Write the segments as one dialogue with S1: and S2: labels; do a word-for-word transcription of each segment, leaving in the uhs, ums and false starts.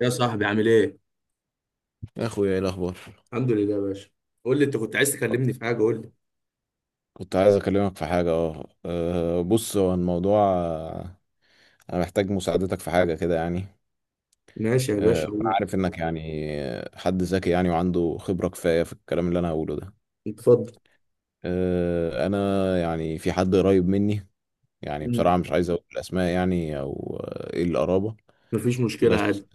S1: يا صاحبي عامل ايه؟
S2: يا اخويا ايه الاخبار.
S1: الحمد لله يا باشا. قول لي انت كنت عايز تكلمني في حاجة، قول لي.
S2: كنت عايز اكلمك في حاجه اه آه، بص هو الموضوع آه، انا محتاج مساعدتك في حاجه كده يعني.
S1: ماشي يا
S2: آه،
S1: باشا
S2: انا
S1: قول،
S2: عارف انك يعني آه، حد ذكي يعني وعنده خبره كفايه في الكلام اللي انا هقوله ده.
S1: اتفضل.
S2: آه، انا يعني في حد قريب مني، يعني
S1: امم
S2: بصراحه مش عايز اقول الاسماء يعني او آه، ايه القرابه.
S1: مفيش مشكلة
S2: بس
S1: عادي.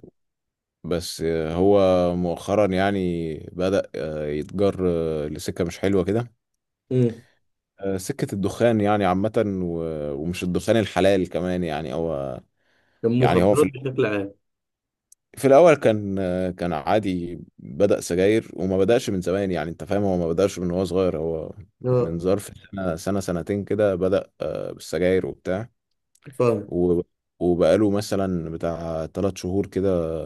S2: بس آه، هو مؤخرا يعني بدأ آه، يتجر آه، لسكه مش حلوه كده.
S1: امم
S2: آه، سكة الدخان يعني عامة، و- ومش الدخان الحلال كمان يعني هو. يعني هو في
S1: المخدرات
S2: الأول-
S1: بشكل عام.
S2: في الأول كان آه، كان عادي، بدأ سجاير وما بدأش من زمان، يعني أنت فاهم، هو ما بدأش من وهو صغير. هو
S1: اه
S2: من ظرف سنة سنة سنتين كده بدأ آه، بالسجاير وبتاع،
S1: فاهم.
S2: و- وبقاله مثلا بتاع تلات شهور كده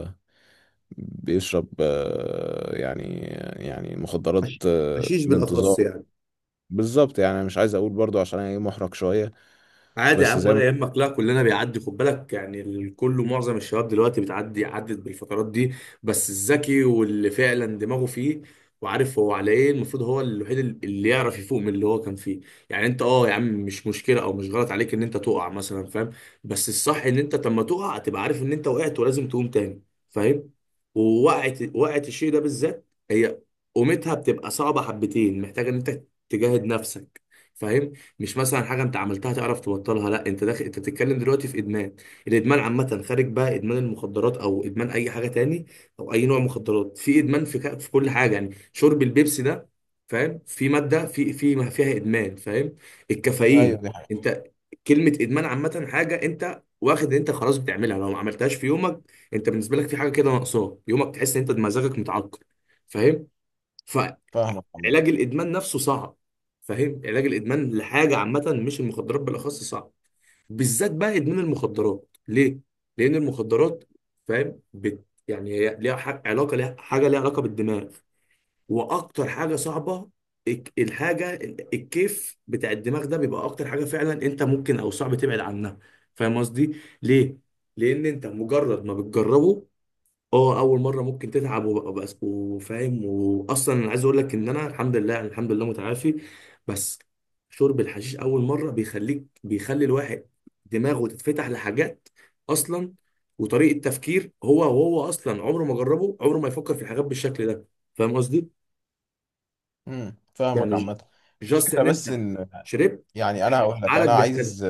S2: بيشرب آه، يعني، يعني مخدرات
S1: حش-
S2: آه،
S1: حشيش بالأخص
S2: بانتظار.
S1: يعني.
S2: بالظبط، يعني أنا مش عايز أقول برضو عشان أنا إيه، محرج شوية.
S1: عادي يا
S2: بس
S1: عم
S2: زي ما.
S1: ولا يهمك، لا كلنا بيعدي، خد بالك يعني، الكل معظم الشباب دلوقتي بتعدي، عدت بالفترات دي. بس الذكي واللي فعلا دماغه فيه وعارف هو على ايه، المفروض هو الوحيد اللي يعرف يفوق من اللي هو كان فيه. يعني انت اه يا عم مش مشكله او مش غلط عليك ان انت تقع مثلا، فاهم. بس الصح ان انت لما تقع تبقى عارف ان انت وقعت ولازم تقوم تاني، فاهم. ووقعت وقعت الشيء ده بالذات، هي قومتها بتبقى صعبه حبتين، محتاجه ان انت تجاهد نفسك، فاهم. مش مثلا حاجه انت عملتها تعرف تبطلها، لا انت داخل، انت بتتكلم دلوقتي في ادمان. الادمان عامه، خارج بقى ادمان المخدرات او ادمان اي حاجه تاني او اي نوع مخدرات، في ادمان في ك... في كل حاجه. يعني شرب البيبسي ده، فاهم، في ماده في في ما فيها ادمان، فاهم.
S2: ايوه
S1: الكافيين.
S2: دي حقيقة.
S1: انت كلمه ادمان عامه، حاجه انت واخد ان انت خلاص بتعملها، لو ما عملتهاش في يومك، انت بالنسبه لك في حاجه كده ناقصاك يومك، تحس ان انت مزاجك متعكر، فاهم.
S2: فاهمك.
S1: علاج الادمان نفسه صعب، فاهم. علاج الادمان لحاجه عامه مش المخدرات بالاخص صعب، بالذات بقى ادمان المخدرات. ليه؟ لان المخدرات، فاهم، بت يعني هي ليها ح- علاقه، ليها حاجه ليها علاقه بالدماغ. واكتر حاجه صعبه، الك- الحاجه ال- الكيف بتاع الدماغ ده، بيبقى اكتر حاجه فعلا انت ممكن او صعب تبعد عنها، فاهم قصدي. ليه؟ لان انت مجرد ما بتجربه اه اول مره ممكن تتعب وبقى بس، وفاهم، واصلا انا عايز اقول لك ان انا الحمد لله يعني، الحمد لله متعافي. بس شرب الحشيش اول مره بيخليك، بيخلي الواحد دماغه تتفتح لحاجات اصلا وطريقه تفكير هو، وهو اصلا عمره ما جربه، عمره ما يفكر في الحاجات بالشكل ده، فاهم قصدي.
S2: امم فاهمك
S1: يعني
S2: عامة.
S1: جاست
S2: الفكرة
S1: ان انت
S2: بس ان،
S1: شربت،
S2: يعني انا هقول لك،
S1: عقلك
S2: انا
S1: بيختلف.
S2: عايز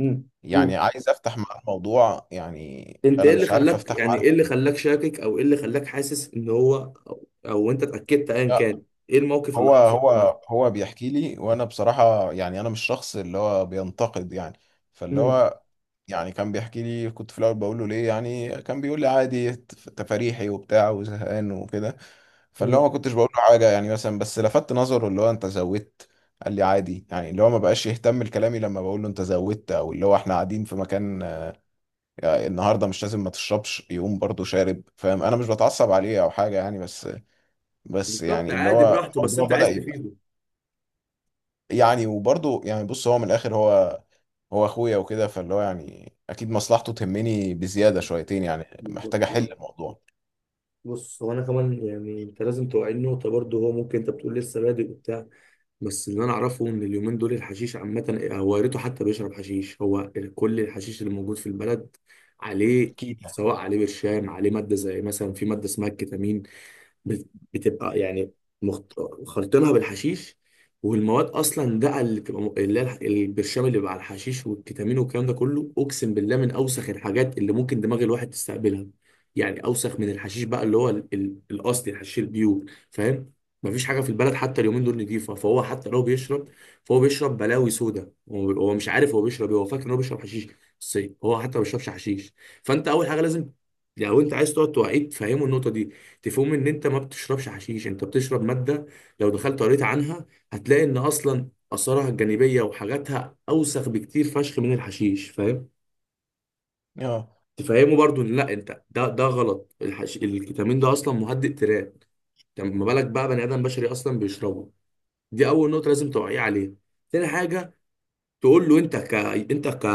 S1: امم قول.
S2: يعني عايز افتح معاه الموضوع يعني.
S1: انت
S2: انا
S1: ايه اللي
S2: مش عارف
S1: خلاك،
S2: افتح
S1: يعني ايه اللي
S2: معاه.
S1: خلاك شاكك، او ايه اللي خلاك حاسس ان هو، او, أو انت اتاكدت ايا
S2: لا،
S1: كان، ايه الموقف اللي
S2: هو
S1: حصل عامه؟
S2: هو هو بيحكي لي، وانا بصراحة يعني انا مش شخص اللي هو بينتقد يعني. فاللي
S1: مم.
S2: هو يعني كان بيحكي لي، كنت في الاول بقول له ليه يعني، كان بيقول لي عادي، تف- تفاريحي وبتاع وزهقان وكده. فاللي
S1: مم.
S2: هو ما كنتش بقول له حاجة يعني مثلا، بس لفت نظره اللي هو انت زودت. قال لي عادي، يعني اللي هو ما بقاش يهتم لكلامي لما بقول له انت زودت، او اللي هو احنا قاعدين في مكان آه، النهارده مش لازم ما تشربش، يقوم برضه شارب. فاهم، انا مش بتعصب عليه او حاجة يعني، بس بس
S1: بالظبط،
S2: يعني اللي
S1: عادي
S2: هو
S1: براحته، بس
S2: الموضوع
S1: انت
S2: بدأ
S1: عايز
S2: يبقى،
S1: تفيده.
S2: يعني وبرضه يعني. بص هو من الاخر، هو هو اخويا وكده، فاللي هو يعني اكيد مصلحته تهمني بزياده
S1: بالظبط.
S2: شويتين، يعني
S1: بالظبط
S2: محتاج احل
S1: بالظبط.
S2: الموضوع.
S1: بص هو انا كمان يعني انت لازم توعي النقطه برضه، هو ممكن انت بتقول لسه بادئ وبتاع، بس اللي انا اعرفه ان اليومين دول الحشيش عامه، هو يا ريته حتى بيشرب حشيش، هو كل الحشيش اللي موجود في البلد عليه.
S2: اكيد يعني.
S1: سواء عليه برشام، عليه ماده زي مثلا في ماده اسمها الكتامين، بت- بتبقى يعني مخت... خلطينها بالحشيش. والمواد اصلا ده اللي بتبقى م- اللي هي الح- البرشام اللي بيبقى على الحشيش، والكتامين والكلام ده كله، اقسم بالله من اوسخ الحاجات اللي ممكن دماغ الواحد تستقبلها. يعني اوسخ من الحشيش بقى، اللي هو ال... ال... الاصلي، الحشيش البيور، فاهم. مفيش حاجه في البلد حتى اليومين دول نضيفه، فهو حتى لو بيشرب فهو بيشرب بلاوي سودا، هو هو مش عارف هو بيشرب ايه، هو فاكر ان هو بيشرب حشيش بس هو حتى ما بيشربش حشيش. فانت اول حاجه لازم، لو انت عايز تقعد توعيه تفهمه النقطه دي، تفهم ان انت ما بتشربش حشيش، انت بتشرب ماده. لو دخلت قريت عنها هتلاقي ان اصلا اثارها الجانبيه وحاجاتها اوسخ بكتير فشخ من الحشيش، فاهم.
S2: اه،
S1: تفهمه برضو ان لا انت، ده ده غلط، الحش... الكتامين ده اصلا مهدئ تيران، طب ما بالك بقى بني ادم بشري اصلا بيشربه. دي اول نقطه لازم توعيه عليها. تاني حاجه، تقول له انت ك انت ك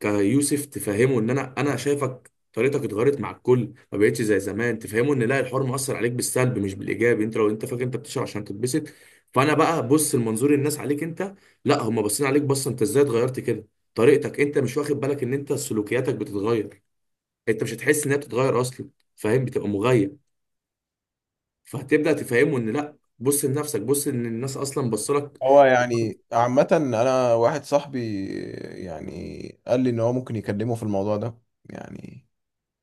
S1: كيوسف تفهمه ان انا انا شايفك طريقتك اتغيرت مع الكل، ما بقتش زي زمان. تفهمه ان لا، الحوار مؤثر عليك بالسلب مش بالايجاب. انت لو انت فاكر انت بتشرب عشان تتبسط، فانا بقى بص المنظور الناس عليك، انت لا هم باصين عليك بصه انت ازاي اتغيرت كده، طريقتك. انت مش واخد بالك ان انت سلوكياتك بتتغير، انت مش هتحس انها بتتغير اصلا، فاهم. بتبقى مغيب. فهتبدا تفهمه ان لا بص لنفسك، بص ان الناس اصلا بصلك.
S2: هو يعني عامة أنا واحد صاحبي يعني قال لي إن هو ممكن يكلمه في الموضوع ده، يعني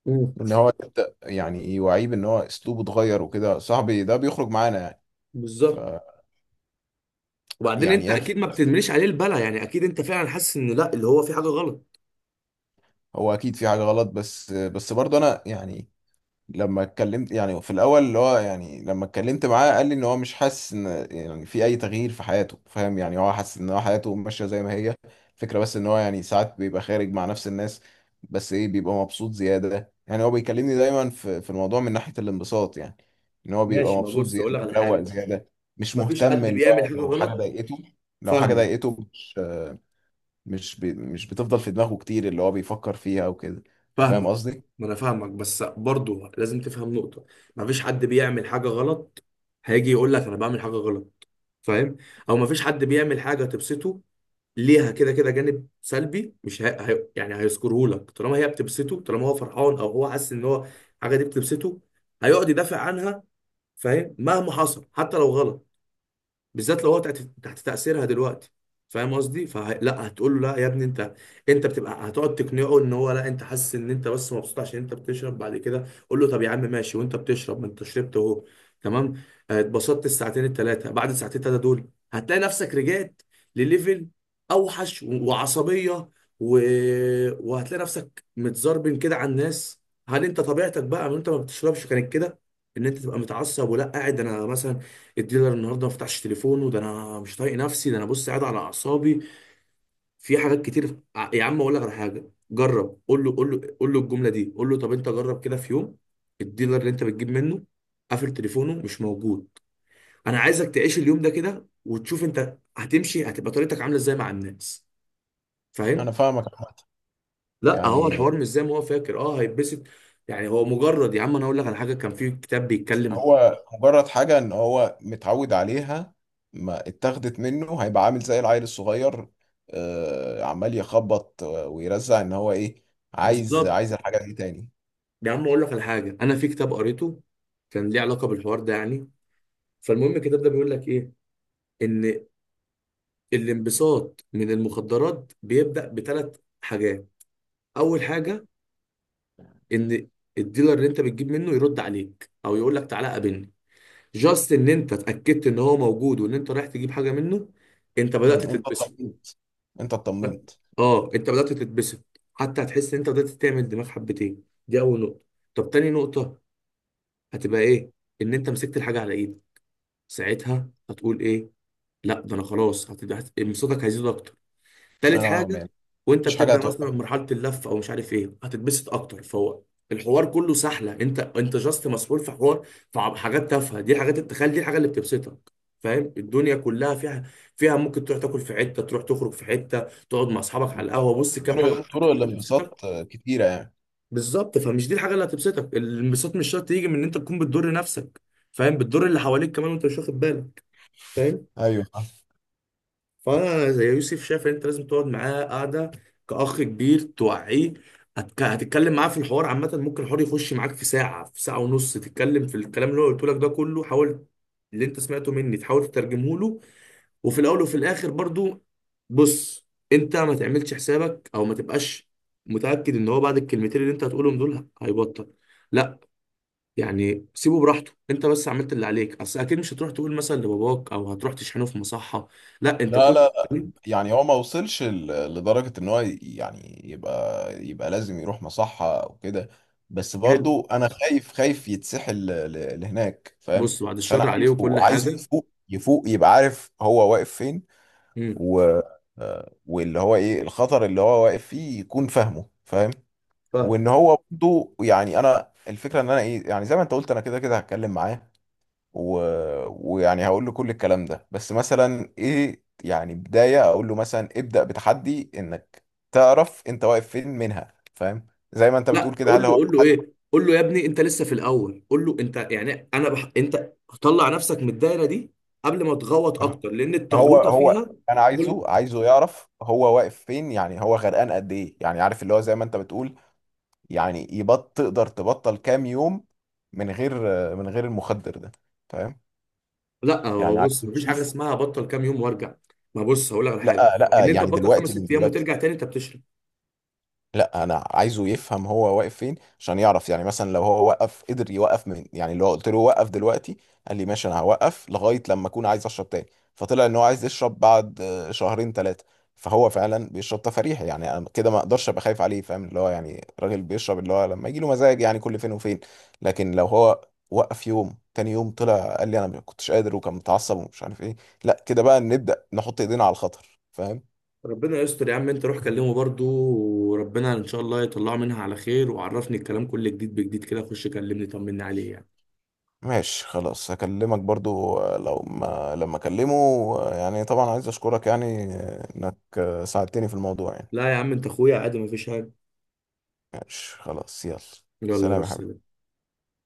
S1: مم.
S2: إن هو يبدأ يعني يوعيه بإن هو أسلوبه اتغير وكده. صاحبي ده بيخرج معانا يعني. ف
S1: بالظبط. وبعدين
S2: يعني
S1: انت
S2: إيه
S1: اكيد ما
S2: الفكرة؟
S1: بتدمنيش عليه البلا، يعني اكيد انت فعلا حاسس ان لا، اللي هو في حاجه غلط.
S2: هو أكيد في حاجة غلط، بس بس برضه أنا يعني لما اتكلمت، يعني في الاول اللي هو يعني لما اتكلمت معاه قال لي ان هو مش حاسس ان يعني في اي تغيير في حياته. فاهم يعني هو حاسس ان هو حياته ماشيه زي ما هي. الفكره بس ان هو يعني ساعات بيبقى خارج مع نفس الناس، بس ايه، بيبقى مبسوط زياده. يعني هو بيكلمني دايما في في الموضوع من ناحيه الانبساط يعني، ان هو بيبقى
S1: ماشي، ما
S2: مبسوط
S1: بص اقول
S2: زياده،
S1: لك على
S2: مروق
S1: حاجه،
S2: زياده، مش
S1: ما فيش
S2: مهتم
S1: حد
S2: اللي
S1: بيعمل
S2: هو
S1: حاجه
S2: لو حاجه
S1: غلط.
S2: ضايقته. لو حاجه
S1: فاهمك.
S2: ضايقته مش مش بي مش بتفضل في دماغه كتير اللي هو بيفكر فيها وكده. فاهم
S1: فاهمك.
S2: قصدي.
S1: ما انا فاهمك بس برضو لازم تفهم نقطه، ما فيش حد بيعمل حاجه غلط، هيجي يقول لك انا بعمل حاجه غلط، فاهم. او ما فيش حد بيعمل حاجه تبسطه ليها كده كده جانب سلبي، مش هي... هي... يعني هيذكره لك. طالما هي بتبسطه، طالما هو فرحان او هو حاسس ان هو الحاجه دي بتبسطه، هيقعد يدافع عنها، فاهم، مهما حصل حتى لو غلط، بالذات لو هو تحت، تحت تأثيرها دلوقتي، فاهم قصدي؟ فلا هتقول له لا يا ابني انت، انت بتبقى هتقعد تقنعه ان هو لا، انت حاسس ان انت بس مبسوط عشان انت بتشرب. بعد كده قول له طب يا عم ماشي وانت بتشرب، ما انت شربت اهو، تمام، آه، اتبسطت الساعتين الثلاثه، بعد الساعتين الثلاثه دول هتلاقي نفسك رجعت لليفل اوحش و- وعصبيه و... وهتلاقي نفسك متزربن كده على الناس. هل انت طبيعتك بقى وانت ما بتشربش كانت كده؟ ان انت تبقى متعصب، ولا قاعد انا مثلا الديلر النهارده ما فتحش تليفونه، ده انا مش طايق نفسي، ده انا بص قاعد على اعصابي. في حاجات كتير، ع- يا عم اقول لك على حاجه، جرب قول له، قول له قول له الجمله دي. قول له طب انت جرب كده في يوم الديلر اللي انت بتجيب منه قافل تليفونه مش موجود، انا عايزك تعيش اليوم ده كده وتشوف انت هتمشي هتبقى طريقتك عامله ازاي مع الناس، فاهم.
S2: انا فاهمك عامة.
S1: لا هو
S2: يعني
S1: الحوار مش زي ما هو فاكر اه هيتبسط. يعني هو مجرد، يا عم انا اقول لك على حاجه كان في كتاب بيتكلم.
S2: هو مجرد حاجة ان هو متعود عليها، ما اتاخدت منه هيبقى عامل زي العيل الصغير، آه، عمال يخبط آه، ويرزع ان هو ايه، عايز
S1: بالظبط،
S2: عايز الحاجة دي تاني.
S1: يا عم اقول لك على حاجه، انا في كتاب قريته كان ليه علاقه بالحوار ده يعني. فالمهم الكتاب ده بيقول لك ايه؟ ان الانبساط من المخدرات بيبدأ بثلاث حاجات. اول حاجة، ان الديلر اللي انت بتجيب منه يرد عليك او يقول لك تعالى قابلني، جاست ان انت اتأكدت ان هو موجود وان انت رايح تجيب حاجة منه، انت
S2: مم،
S1: بدأت
S2: انت
S1: تتبسط.
S2: اطمنت، انت اطمنت.
S1: اه انت بدأت تتبسط، حتى هتحس ان انت بدأت تعمل دماغ حبتين، دي اول نقطة. طب تاني نقطة هتبقى ايه؟ ان انت مسكت الحاجة على ايدك، ساعتها هتقول ايه؟ لا ده انا خلاص، هتبقى انبساطك هيزيد اكتر. تالت
S2: انا
S1: حاجة،
S2: مان
S1: وانت
S2: مفيش حاجة
S1: بتبدأ مثلا
S2: هتوقفك.
S1: مرحلة اللف او مش عارف ايه، هتتبسط اكتر. فهو الحوار كله سهلة، انت انت جاست مسؤول في حوار، في ع- حاجات تافهة. دي الحاجات التخيل، دي الحاجة اللي بتبسطك، فاهم. الدنيا كلها فيها، فيها ممكن تروح تاكل في حتة، تروح تخرج في حتة، تقعد مع اصحابك على القهوة، بص كام حاجة
S2: طرق
S1: ممكن
S2: طرق
S1: تكون بتبسطك.
S2: الانبساط آه، كتيرة يعني.
S1: بالظبط، فمش دي الحاجة اللي هتبسطك، الانبساط مش شرط يجي من ان انت تكون بتضر نفسك، فاهم، بتضر اللي حواليك كمان وانت مش واخد بالك، فاهم.
S2: ايوه.
S1: فانا زي يوسف شايف إن انت لازم تقعد معاه قاعده كاخ كبير توعيه. هتك- هتتكلم معاه في الحوار عامه، ممكن الحوار يخش معاك في ساعه، في ساعه ونص، تتكلم في الكلام اللي هو قلت لك ده كله، حاول اللي انت سمعته مني تحاول تترجمه له. وفي الاول وفي الاخر برضو بص، انت ما تعملش حسابك او ما تبقاش متاكد ان هو بعد الكلمتين اللي انت هتقولهم دول هيبطل، لا. يعني سيبه براحته، انت بس عملت اللي عليك، اصل اكيد مش هتروح تقول مثلا لباباك او هتروح تشحنه في مصحه، لا انت
S2: لا
S1: كل.
S2: لا، يعني هو ما وصلش ل- لدرجة ان هو ي- يعني يبقى يبقى لازم يروح مصحة او كده، بس
S1: حلو،
S2: برضو انا خايف، خايف يتسحل ل- ل- لهناك فاهم.
S1: بص بعد
S2: فانا
S1: الشر عليه
S2: عايزه
S1: وكل
S2: عايزه
S1: حاجه.
S2: يفوق، يفوق يبقى عارف هو واقف فين،
S1: امم
S2: و آه، واللي هو ايه الخطر اللي هو واقف فيه، يكون فاهمه فاهم.
S1: فاهم.
S2: وان هو برضو يعني انا الفكرة ان انا ايه، يعني زي ما انت قلت، انا كده كده هتكلم معاه و... ويعني هقول له كل الكلام ده، بس مثلا ايه، يعني بداية اقول له مثلا ابدأ بتحدي انك تعرف انت واقف فين منها، فاهم. زي ما انت بتقول
S1: لا
S2: كده،
S1: قول
S2: هل
S1: له،
S2: هو
S1: قول له
S2: تحدي.
S1: ايه، قول له يا ابني انت لسه في الاول، قول له انت يعني انا بح... انت طلع نفسك من الدايره دي قبل ما تغوط اكتر، لان
S2: هو
S1: التغويطه
S2: هو
S1: فيها.
S2: انا
S1: كل،
S2: عايزه، عايزه يعرف هو واقف فين، يعني هو غرقان قد ايه، يعني عارف اللي هو زي ما انت بتقول، يعني يبط تقدر تبطل كام يوم من غير، من غير المخدر ده، فاهم.
S1: لا هو
S2: يعني عايز
S1: بص مفيش حاجه
S2: تشوف.
S1: اسمها بطل كام يوم وارجع، ما بص هقول لك على حاجه
S2: لا لا،
S1: ان انت
S2: يعني
S1: تبطل خمس
S2: دلوقتي، من
S1: ست ايام
S2: دلوقتي،
S1: وترجع تاني انت بتشرب.
S2: لا انا عايزه يفهم هو واقف فين عشان يعرف. يعني مثلا لو هو وقف، قدر يوقف من، يعني لو قلت له وقف دلوقتي قال لي ماشي انا هوقف لغايه لما اكون عايز اشرب تاني، فطلع ان هو عايز يشرب بعد آه، شهرين ثلاثه، فهو فعلا بيشرب تفاريح. يعني انا كده ما اقدرش ابقى خايف عليه، فاهم، اللي هو يعني راجل بيشرب اللي هو لما يجي له مزاج، يعني كل فين وفين. لكن لو هو وقف يوم، تاني يوم طلع قال لي انا ما كنتش قادر وكان متعصب ومش عارف ايه، لا كده بقى نبدا نحط ايدينا على الخطر فاهم.
S1: ربنا يستر يا عم، انت روح كلمه برضو، وربنا ان شاء الله يطلعه منها على خير، وعرفني الكلام كله جديد بجديد كده، خش كلمني طمني عليه يعني.
S2: ماشي خلاص، هكلمك برضو آه، لو ما لما اكلمه. آه، يعني طبعا عايز اشكرك يعني آه، انك آه، ساعدتني في الموضوع يعني.
S1: لا يا عم انت اخويا عادي مفيش حاجه.
S2: ماشي خلاص، يلا.
S1: يلا يا
S2: سلام يا
S1: بس.
S2: حبيبي.